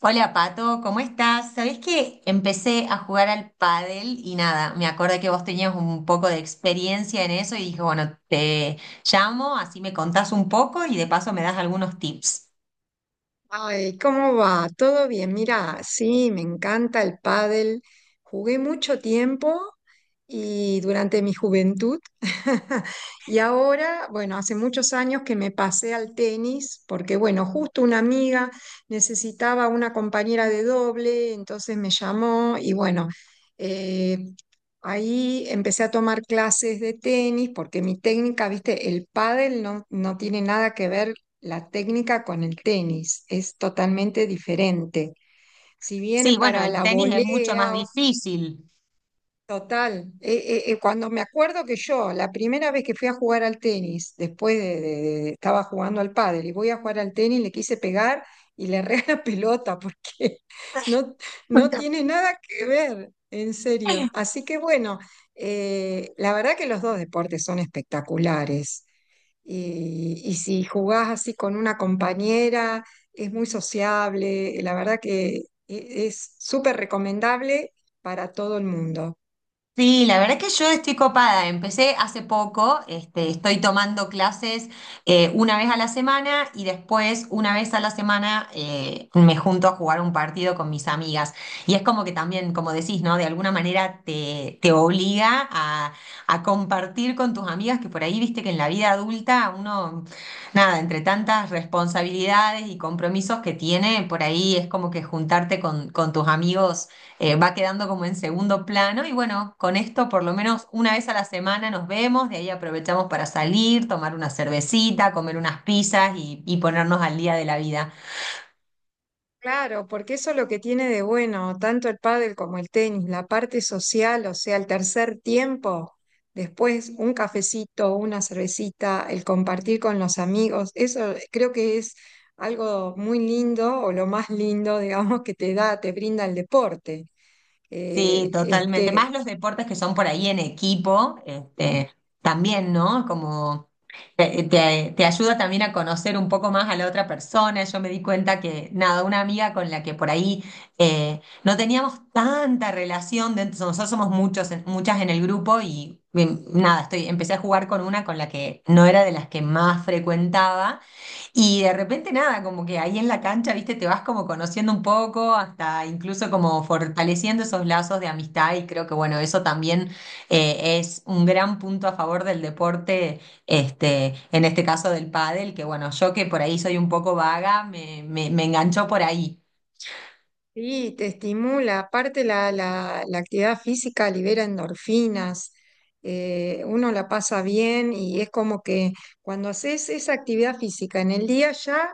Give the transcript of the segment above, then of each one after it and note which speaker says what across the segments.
Speaker 1: Hola Pato, ¿cómo estás? Sabés que empecé a jugar al pádel y nada, me acordé que vos tenías un poco de experiencia en eso y dije, bueno, te llamo, así me contás un poco y de paso me das algunos tips.
Speaker 2: Ay, ¿cómo va? ¿Todo bien? Mira, sí, me encanta el pádel. Jugué mucho tiempo y durante mi juventud. Y ahora, bueno, hace muchos años que me pasé al tenis porque, bueno, justo una amiga necesitaba una compañera de doble, entonces me llamó y bueno, eh, ahí empecé a tomar clases de tenis porque mi técnica, viste, el pádel no tiene nada que ver, la técnica con el tenis es totalmente diferente. Si
Speaker 1: Sí,
Speaker 2: bien
Speaker 1: bueno,
Speaker 2: para
Speaker 1: el
Speaker 2: la
Speaker 1: tenis es mucho más
Speaker 2: volea,
Speaker 1: difícil.
Speaker 2: total, cuando me acuerdo que yo, la primera vez que fui a jugar al tenis, después de- estaba jugando al pádel y voy a jugar al tenis, le quise pegar y le erré la pelota porque no, no tiene nada que ver, en serio. Así que bueno, la verdad que los dos deportes son espectaculares. Y si jugás así con una compañera, es muy sociable. La verdad que es súper recomendable para todo el mundo.
Speaker 1: Sí, la verdad que yo estoy copada. Empecé hace poco, este, estoy tomando clases una vez a la semana y después una vez a la semana me junto a jugar un partido con mis amigas. Y es como que también, como decís, ¿no? De alguna manera te obliga a compartir con tus amigas que por ahí viste que en la vida adulta uno, nada, entre tantas responsabilidades y compromisos que tiene, por ahí es como que juntarte con tus amigos va quedando como en segundo plano. Y bueno, con esto por lo menos una vez a la semana nos vemos, de ahí aprovechamos para salir, tomar una cervecita, comer unas pizzas y ponernos al día de la vida.
Speaker 2: Claro, porque eso es lo que tiene de bueno, tanto el pádel como el tenis, la parte social, o sea, el tercer tiempo, después un cafecito, una cervecita, el compartir con los amigos, eso creo que es algo muy lindo o lo más lindo, digamos, que te da, te brinda el deporte.
Speaker 1: Sí,
Speaker 2: Eh,
Speaker 1: totalmente. Más
Speaker 2: este,
Speaker 1: los deportes que son por ahí en equipo, este, también, ¿no? Como te ayuda también a conocer un poco más a la otra persona. Yo me di cuenta que, nada, una amiga con la que por ahí no teníamos tanta relación, de, nosotros somos muchos, en- muchas en el grupo y, nada, estoy, empecé a jugar con una con la que no era de las que más frecuentaba. Y de repente nada, como que ahí en la cancha, viste, te vas como conociendo un poco, hasta incluso como fortaleciendo esos lazos de amistad y creo que bueno, eso también es un gran punto a favor del deporte, este, en este caso del pádel, que bueno, yo que por ahí soy un poco vaga, me enganchó por ahí.
Speaker 2: Sí, te estimula. Aparte la actividad física libera endorfinas, uno la pasa bien y es como que cuando haces esa actividad física en el día ya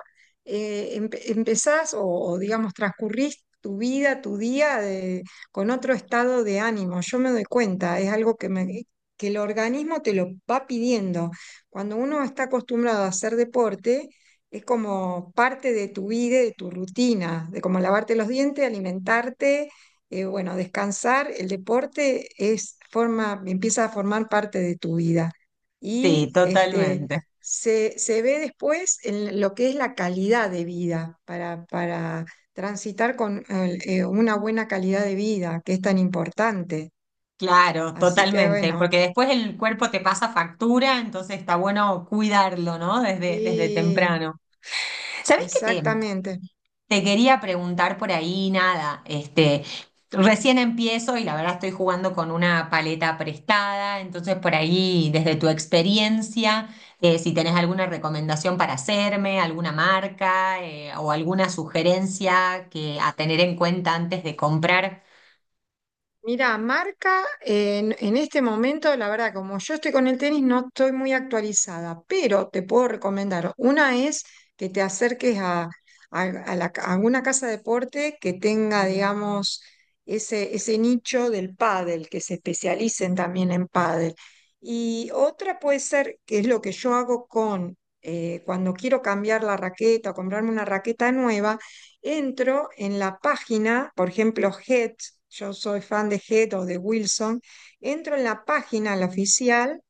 Speaker 2: empezás digamos transcurrís tu vida, con otro estado de ánimo. Yo me doy cuenta, es algo que, que el organismo te lo va pidiendo. Cuando uno está acostumbrado a hacer deporte es como parte de tu vida, de tu rutina, de como lavarte los dientes, alimentarte, bueno, descansar. El deporte empieza a formar parte de tu vida.
Speaker 1: Sí,
Speaker 2: Y este,
Speaker 1: totalmente.
Speaker 2: se ve después en lo que es la calidad de vida, para transitar con una buena calidad de vida, que es tan importante.
Speaker 1: Claro,
Speaker 2: Así que
Speaker 1: totalmente,
Speaker 2: bueno,
Speaker 1: porque después el cuerpo te pasa factura, entonces está bueno cuidarlo, ¿no? Desde, desde
Speaker 2: sí,
Speaker 1: temprano. ¿Sabés qué te,
Speaker 2: exactamente.
Speaker 1: te quería preguntar por ahí? Nada, este, recién empiezo y la verdad estoy jugando con una paleta prestada, entonces por ahí, desde tu experiencia, si tenés alguna recomendación para hacerme, alguna marca, o alguna sugerencia que a tener en cuenta antes de comprar.
Speaker 2: Mira, marca en este momento, la verdad, como yo estoy con el tenis, no estoy muy actualizada, pero te puedo recomendar. Una es que te acerques a, a alguna casa de deporte que tenga, digamos, ese nicho del pádel, que se especialicen también en pádel. Y otra puede ser, que es lo que yo hago con, cuando quiero cambiar la raqueta o comprarme una raqueta nueva, entro en la página, por ejemplo, Head, yo soy fan de Head o de Wilson, entro en la página, la oficial,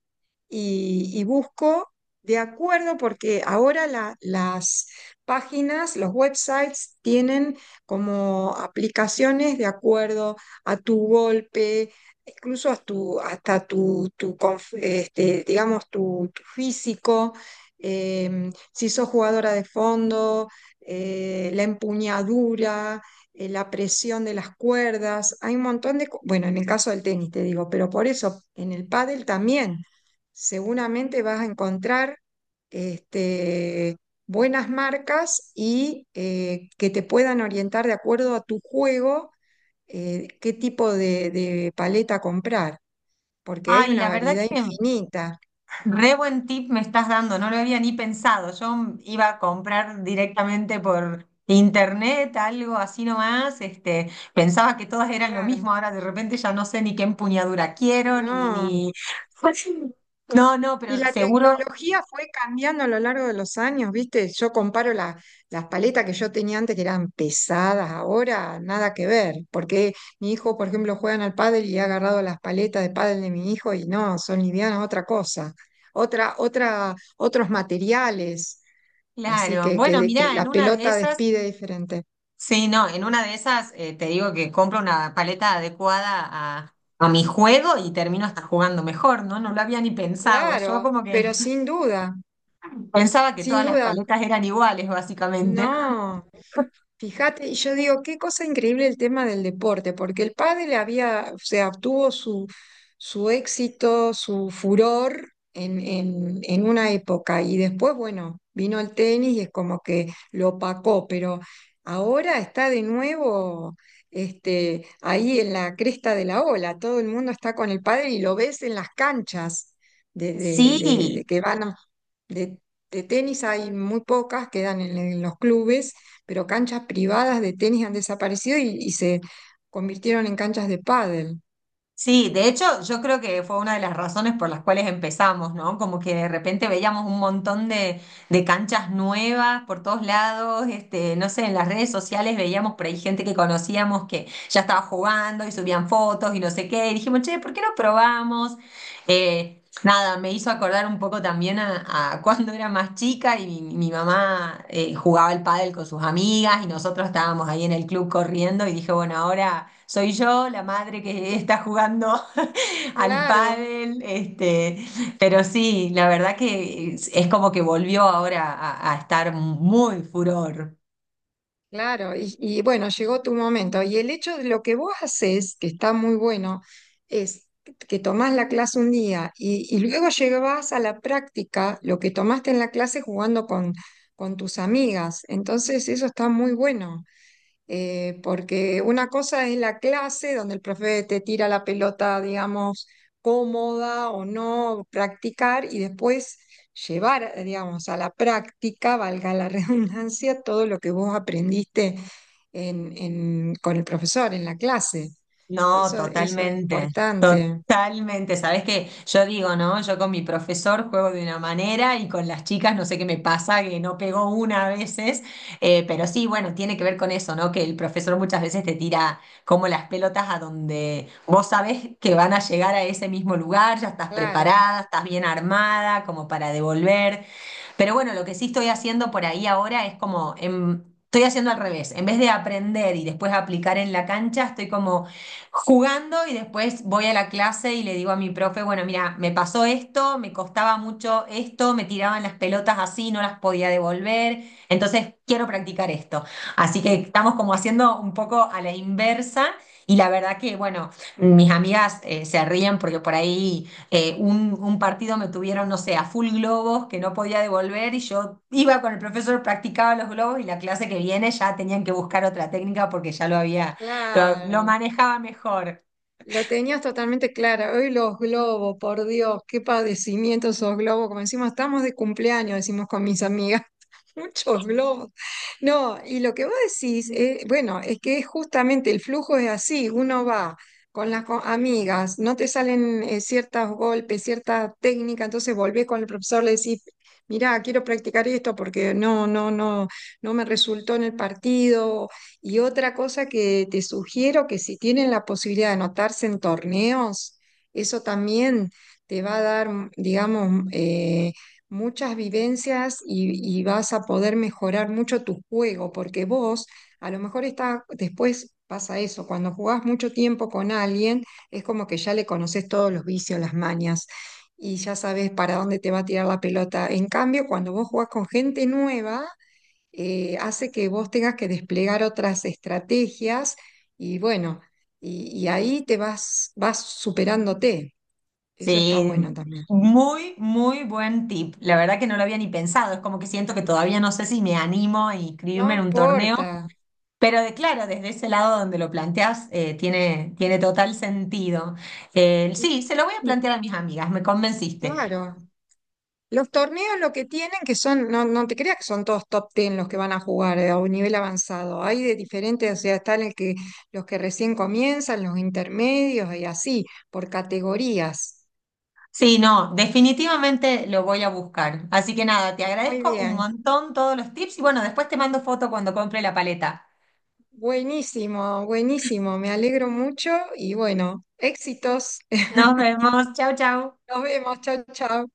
Speaker 2: y busco de acuerdo, porque ahora las páginas, los websites tienen como aplicaciones de acuerdo a tu golpe, incluso a hasta digamos, tu físico, si sos jugadora de fondo, la empuñadura. La presión de las cuerdas, hay un montón de, bueno, en el caso del tenis te digo, pero por eso en el pádel también seguramente vas a encontrar este, buenas marcas y que te puedan orientar de acuerdo a tu juego, qué tipo de paleta comprar, porque hay
Speaker 1: Ay,
Speaker 2: una
Speaker 1: la verdad
Speaker 2: variedad
Speaker 1: que
Speaker 2: infinita.
Speaker 1: re buen tip me estás dando, no lo había ni pensado. Yo iba a comprar directamente por internet, algo así nomás. Este, pensaba que todas eran lo
Speaker 2: Claro.
Speaker 1: mismo, ahora de repente ya no sé ni qué empuñadura quiero, ni,
Speaker 2: No.
Speaker 1: ni... No, no,
Speaker 2: Y
Speaker 1: pero
Speaker 2: la
Speaker 1: seguro,
Speaker 2: tecnología fue cambiando a lo largo de los años, ¿viste? Yo comparo las paletas que yo tenía antes, que eran pesadas, ahora nada que ver, porque mi hijo, por ejemplo, juega al pádel y ha agarrado las paletas de pádel de mi hijo y no, son livianas, otra cosa, otros materiales, así
Speaker 1: claro. Bueno,
Speaker 2: que
Speaker 1: mirá,
Speaker 2: la
Speaker 1: en una de
Speaker 2: pelota
Speaker 1: esas,
Speaker 2: despide diferente.
Speaker 1: sí, no, en una de esas te digo que compro una paleta adecuada a mi juego y termino hasta jugando mejor, ¿no? No lo había ni pensado.
Speaker 2: Claro,
Speaker 1: Yo como que
Speaker 2: pero sin duda,
Speaker 1: pensaba que
Speaker 2: sin
Speaker 1: todas las
Speaker 2: duda,
Speaker 1: paletas eran iguales, básicamente.
Speaker 2: no. Fíjate, y yo digo, qué cosa increíble el tema del deporte, porque el pádel había, o sea, obtuvo su, su éxito, su furor en una época, y después, bueno, vino el tenis y es como que lo opacó, pero ahora está de nuevo, ahí en la cresta de la ola, todo el mundo está con el pádel y lo ves en las canchas
Speaker 1: Sí,
Speaker 2: de que van a- de, de tenis hay muy pocas, quedan en los clubes, pero canchas privadas de tenis han desaparecido y se convirtieron en canchas de pádel.
Speaker 1: sí, de hecho yo creo que fue una de las razones por las cuales empezamos, ¿no? Como que de repente veíamos un montón de canchas nuevas por todos lados, este, no sé, en las redes sociales veíamos por ahí gente que conocíamos que ya estaba jugando y subían fotos y no sé qué, y dijimos, che, ¿por qué no probamos? Nada, me hizo acordar un poco también a cuando era más chica y mi mamá jugaba al pádel con sus amigas y nosotros estábamos ahí en el club corriendo y dije, bueno, ahora soy yo la madre que está jugando al
Speaker 2: Claro,
Speaker 1: pádel, este, pero sí, la verdad que es como que volvió ahora a estar muy furor.
Speaker 2: claro. Y bueno, llegó tu momento. Y el hecho de lo que vos haces, que está muy bueno, es que tomás la clase un día y luego llevas a la práctica lo que tomaste en la clase jugando con tus amigas. Entonces, eso está muy bueno. Porque una cosa es la clase donde el profe te tira la pelota, digamos, cómoda o no, practicar, y después llevar, digamos, a la práctica, valga la redundancia, todo lo que vos aprendiste con el profesor en la clase.
Speaker 1: No,
Speaker 2: Eso es
Speaker 1: totalmente,
Speaker 2: importante.
Speaker 1: totalmente. Sabes que yo digo, ¿no? Yo con mi profesor juego de una manera y con las chicas no sé qué me pasa, que no pego una a veces. Pero sí, bueno, tiene que ver con eso, ¿no? Que el profesor muchas veces te tira como las pelotas a donde vos sabés que van a llegar a ese mismo lugar, ya estás
Speaker 2: Claro,
Speaker 1: preparada, estás bien armada como para devolver. Pero bueno, lo que sí estoy haciendo por ahí ahora es como, estoy haciendo al revés. En vez de aprender y después aplicar en la cancha, estoy como jugando y después voy a la clase y le digo a mi profe, bueno, mira, me pasó esto, me costaba mucho esto, me tiraban las pelotas así, no las podía devolver, entonces quiero practicar esto. Así que estamos como haciendo un poco a la inversa. Y la verdad que, bueno, mis amigas se ríen porque por ahí un partido me tuvieron, no sé, a full globos que no podía devolver y yo iba con el profesor, practicaba los globos y la clase que viene ya tenían que buscar otra técnica porque ya lo había, lo
Speaker 2: claro.
Speaker 1: manejaba mejor.
Speaker 2: Lo tenías totalmente clara. Hoy los globos, por Dios, qué padecimiento esos globos. Como decimos, estamos de cumpleaños, decimos con mis amigas. Muchos globos. No, y lo que vos decís, bueno, es que es justamente, el flujo es así. Uno va con las amigas, no te salen ciertos golpes, cierta técnica, entonces volvés con el profesor, le decís, mirá, quiero practicar esto porque no me resultó en el partido. Y otra cosa que te sugiero, que si tienen la posibilidad de anotarse en torneos, eso también te va a dar, digamos, muchas vivencias y vas a poder mejorar mucho tu juego, porque vos, a lo mejor está, después pasa eso, cuando jugás mucho tiempo con alguien, es como que ya le conoces todos los vicios, las mañas. Y ya sabes para dónde te va a tirar la pelota. En cambio, cuando vos jugás con gente nueva, hace que vos tengas que desplegar otras estrategias y bueno, y ahí te vas, vas superándote. Eso está
Speaker 1: Sí,
Speaker 2: bueno también.
Speaker 1: muy, muy buen tip. La verdad que no lo había ni pensado. Es como que siento que todavía no sé si me animo a
Speaker 2: No
Speaker 1: inscribirme en un torneo,
Speaker 2: importa.
Speaker 1: pero de, claro, desde ese lado donde lo planteas, tiene, tiene total sentido. Sí, se lo voy a plantear a mis amigas, me convenciste.
Speaker 2: Claro. Los torneos lo que tienen, que son, no, no te creas que son todos top ten los que van a jugar, a un nivel avanzado. Hay de diferentes, o sea, están el que, los que recién comienzan, los intermedios, y así, por categorías.
Speaker 1: Sí, no, definitivamente lo voy a buscar. Así que nada, te
Speaker 2: Muy
Speaker 1: agradezco un
Speaker 2: bien.
Speaker 1: montón todos los tips y bueno, después te mando foto cuando compre la paleta.
Speaker 2: Buenísimo, buenísimo. Me alegro mucho y bueno, éxitos.
Speaker 1: Nos vemos, chau, chau.
Speaker 2: Nos vemos, chao, chao.